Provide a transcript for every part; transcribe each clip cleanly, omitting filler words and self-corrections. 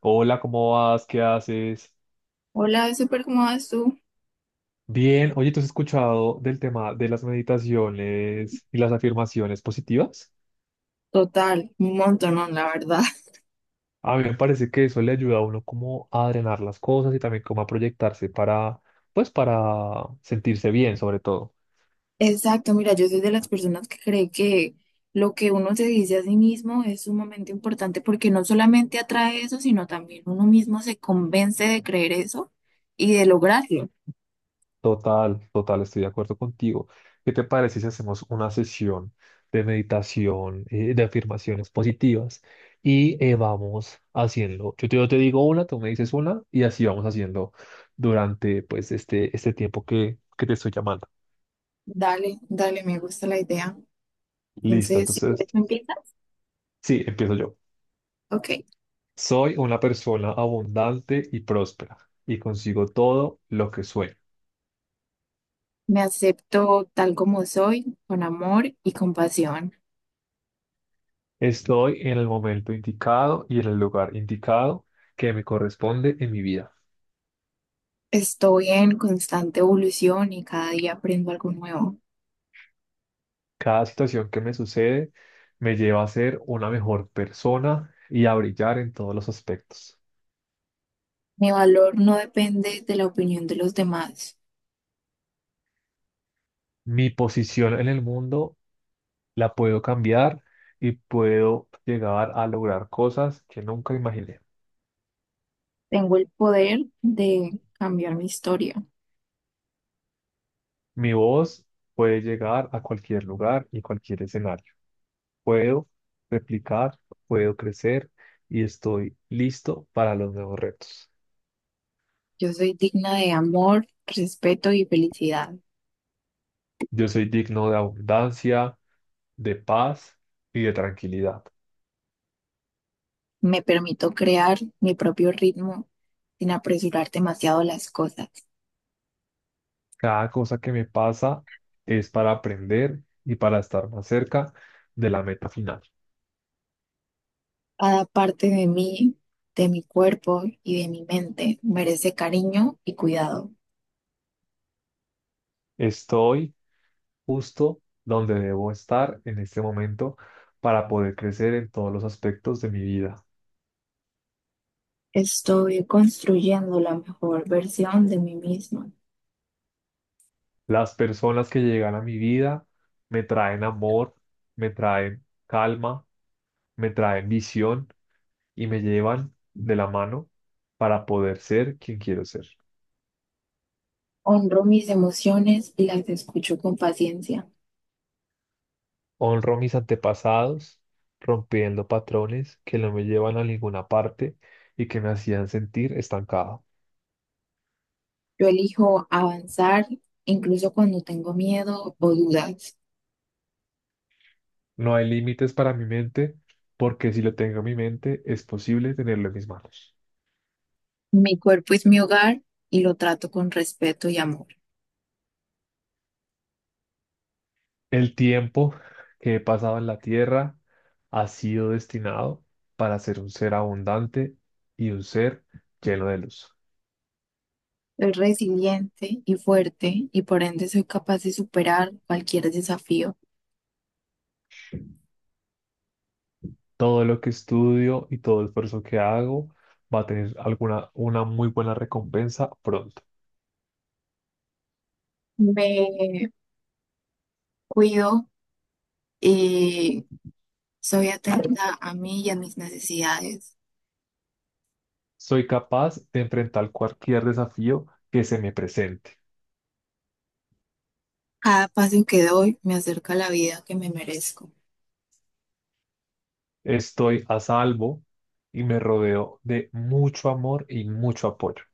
Hola, ¿cómo vas? ¿Qué haces? Hola, súper, ¿cómo vas tú? Bien, oye, ¿tú has escuchado del tema de las meditaciones y las afirmaciones positivas? Total, un montón, la verdad. A mí me parece que eso le ayuda a uno como a drenar las cosas y también como a proyectarse para, pues, para sentirse bien, sobre todo. Exacto, mira, yo soy de las personas que cree que lo que uno se dice a sí mismo es sumamente importante porque no solamente atrae eso, sino también uno mismo se convence de creer eso y de lograrlo. Total, total, estoy de acuerdo contigo. ¿Qué te parece si hacemos una sesión de meditación, de afirmaciones positivas y vamos haciendo? Yo te digo una, tú me dices una y así vamos haciendo durante pues este tiempo que te estoy llamando. Dale, dale, me gusta la idea. Listo, Entonces, si entonces, quieres, ¿me empieza? sí, empiezo yo. Ok. Soy una persona abundante y próspera y consigo todo lo que sueño. Me acepto tal como soy, con amor y compasión. Estoy en el momento indicado y en el lugar indicado que me corresponde en mi vida. Estoy en constante evolución y cada día aprendo algo nuevo. Cada situación que me sucede me lleva a ser una mejor persona y a brillar en todos los aspectos. Mi valor no depende de la opinión de los demás. Mi posición en el mundo la puedo cambiar y puedo llegar a lograr cosas que nunca imaginé. Tengo el poder de cambiar mi historia. Mi voz puede llegar a cualquier lugar y cualquier escenario. Puedo replicar, puedo crecer y estoy listo para los nuevos retos. Yo soy digna de amor, respeto y felicidad. Yo soy digno de abundancia, de paz y de tranquilidad. Me permito crear mi propio ritmo sin apresurar demasiado las cosas. Cada cosa que me pasa es para aprender y para estar más cerca de la meta final. Cada parte de mí, de mi cuerpo y de mi mente merece cariño y cuidado. Estoy justo donde debo estar en este momento para poder crecer en todos los aspectos de mi vida. Estoy construyendo la mejor versión de mí misma. Las personas que llegan a mi vida me traen amor, me traen calma, me traen visión y me llevan de la mano para poder ser quien quiero ser. Honro mis emociones y las escucho con paciencia. Honro a mis antepasados, rompiendo patrones que no me llevan a ninguna parte y que me hacían sentir estancado. Yo elijo avanzar incluso cuando tengo miedo o dudas. No hay límites para mi mente, porque si lo tengo en mi mente, es posible tenerlo en mis manos. Mi cuerpo es mi hogar y lo trato con respeto y amor. El tiempo que he pasado en la tierra ha sido destinado para ser un ser abundante y un ser lleno de luz. Soy resiliente y fuerte y por ende soy capaz de superar cualquier desafío. Todo lo que estudio y todo el esfuerzo que hago va a tener una muy buena recompensa pronto. Me cuido y soy atenta a mí y a mis necesidades. Soy capaz de enfrentar cualquier desafío que se me presente. Cada paso que doy me acerca a la vida que me merezco. Estoy a salvo y me rodeo de mucho amor y mucho apoyo.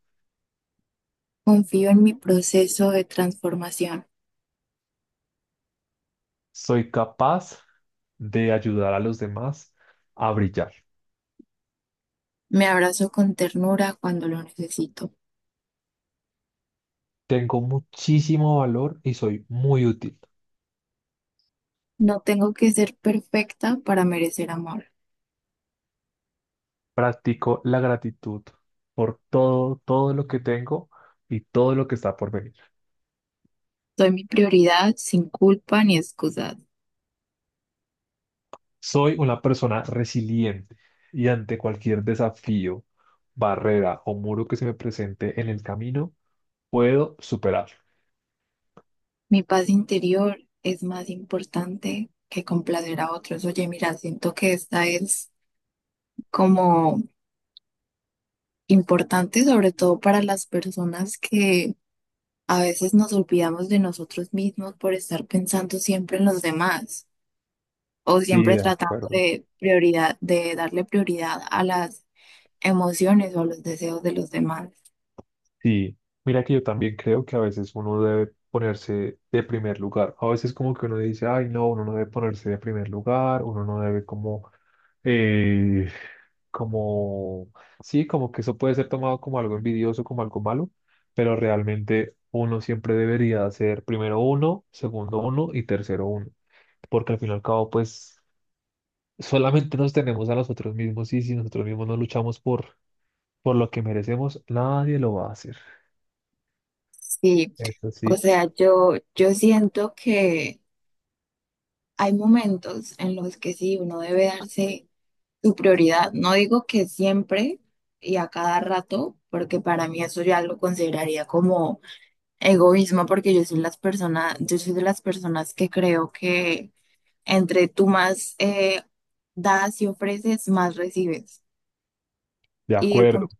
Confío en mi proceso de transformación. Soy capaz de ayudar a los demás a brillar. Me abrazo con ternura cuando lo necesito. Tengo muchísimo valor y soy muy útil. No tengo que ser perfecta para merecer amor. Practico la gratitud por todo lo que tengo y todo lo que está por venir. Soy mi prioridad sin culpa ni excusas. Soy una persona resiliente y ante cualquier desafío, barrera o muro que se me presente en el camino, puedo superarlo. Mi paz interior es más importante que complacer a otros. Oye, mira, siento que esta es como importante, sobre todo para las personas que a veces nos olvidamos de nosotros mismos por estar pensando siempre en los demás o Sí, siempre de tratando acuerdo. de prioridad, de darle prioridad a las emociones o a los deseos de los demás. Sí, mira que yo también creo que a veces uno debe ponerse de primer lugar. A veces como que uno dice, ay, no, uno no debe ponerse de primer lugar, uno no debe como eh, como, sí, como que eso puede ser tomado como algo envidioso, como algo malo, pero realmente uno siempre debería hacer primero uno, segundo uno y tercero uno, porque al fin y al cabo, pues solamente nos tenemos a nosotros mismos y si nosotros mismos no luchamos por lo que merecemos, nadie lo va a hacer. Sí. Eso O sí, sea, yo siento que hay momentos en los que sí, uno debe darse su prioridad. No digo que siempre y a cada rato, porque para mí eso ya lo consideraría como egoísmo, porque yo soy las personas, yo soy de las personas que creo que entre tú más das y ofreces, más recibes. de Y el acuerdo. punto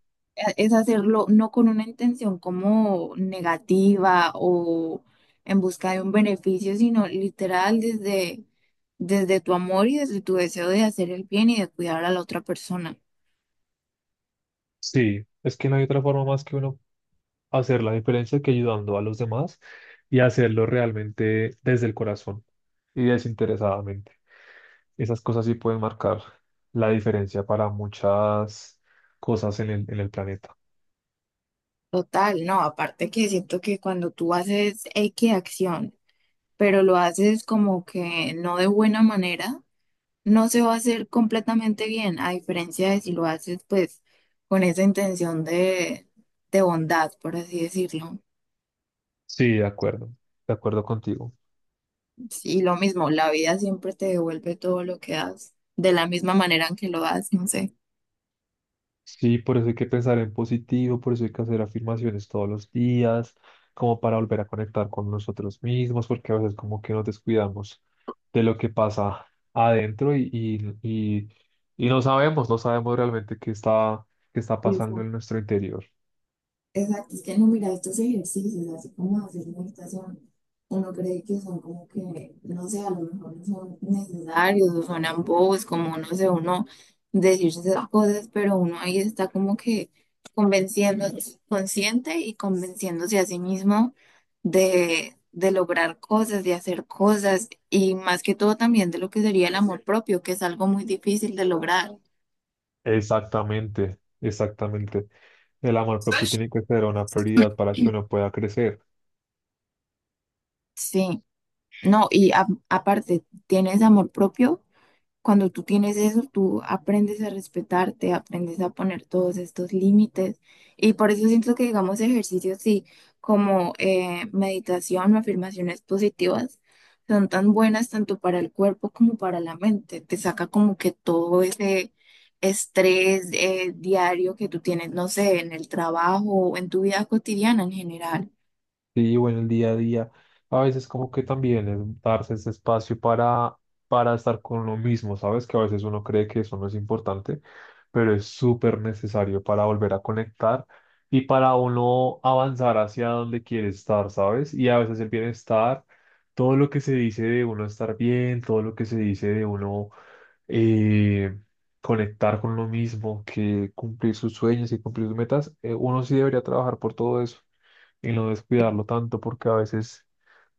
es hacerlo no con una intención como negativa o en busca de un beneficio, sino literal desde tu amor y desde tu deseo de hacer el bien y de cuidar a la otra persona. Sí, es que no hay otra forma más que uno hacer la diferencia que ayudando a los demás y hacerlo realmente desde el corazón y desinteresadamente. Esas cosas sí pueden marcar la diferencia para muchas cosas en en el planeta. Total, no, aparte que siento que cuando tú haces X acción, pero lo haces como que no de buena manera, no se va a hacer completamente bien, a diferencia de si lo haces pues con esa intención de bondad, por así decirlo. Sí, de acuerdo contigo. Sí, lo mismo, la vida siempre te devuelve todo lo que das, de la misma manera en que lo das, no sé. Sí, por eso hay que pensar en positivo, por eso hay que hacer afirmaciones todos los días, como para volver a conectar con nosotros mismos, porque a veces como que nos descuidamos de lo que pasa adentro y no sabemos, no sabemos realmente qué qué está pasando en nuestro interior. Exacto, es que no, mira, estos ejercicios, así como hacer meditación, uno cree que son como que, no sé, a lo mejor no son necesarios o suenan bobos, como no sé, uno decirse esas cosas, pero uno ahí está como que convenciendo, consciente y convenciéndose a sí mismo de lograr cosas, de hacer cosas y más que todo también de lo que sería el amor propio, que es algo muy difícil de lograr. Exactamente, exactamente. El amor propio tiene que ser una prioridad para que uno pueda crecer. Sí, no, y a- aparte, ¿tienes amor propio? Cuando tú tienes eso, tú aprendes a respetarte, aprendes a poner todos estos límites. Y por eso siento que, digamos, ejercicios sí, como meditación o afirmaciones positivas son tan buenas tanto para el cuerpo como para la mente. Te saca como que todo ese estrés diario que tú tienes, no sé, en el trabajo o en tu vida cotidiana en general. Sí, o en el día a día, a veces como que también es darse ese espacio para estar con uno mismo, ¿sabes? Que a veces uno cree que eso no es importante, pero es súper necesario para volver a conectar y para uno avanzar hacia donde quiere estar, ¿sabes? Y a veces el bienestar, todo lo que se dice de uno estar bien, todo lo que se dice de uno eh, conectar con lo mismo, que cumplir sus sueños y cumplir sus metas, uno sí debería trabajar por todo eso y no descuidarlo tanto, porque a veces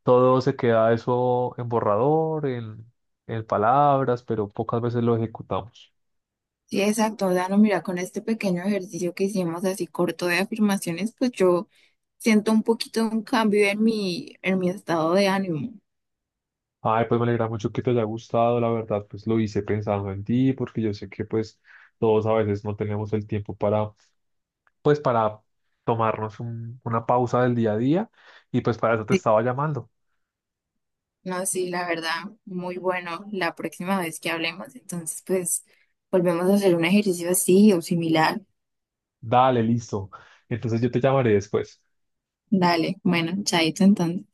todo se queda eso en borrador, en palabras, pero pocas veces lo ejecutamos. Sí, exacto. O sea, no mira, con este pequeño ejercicio que hicimos así corto de afirmaciones, pues yo siento un poquito un cambio en en mi estado de ánimo. Ay, pues me alegra mucho que te haya gustado, la verdad, pues lo hice pensando en ti, porque yo sé que pues todos a veces no tenemos el tiempo para, pues para tomarnos un- una pausa del día a día y pues para eso te Sí, estaba llamando. no, sí, la verdad, muy bueno. La próxima vez que hablemos, entonces, pues, volvemos a hacer un ejercicio así o similar. Dale, listo. Entonces yo te llamaré después. Dale, bueno, chaito entonces.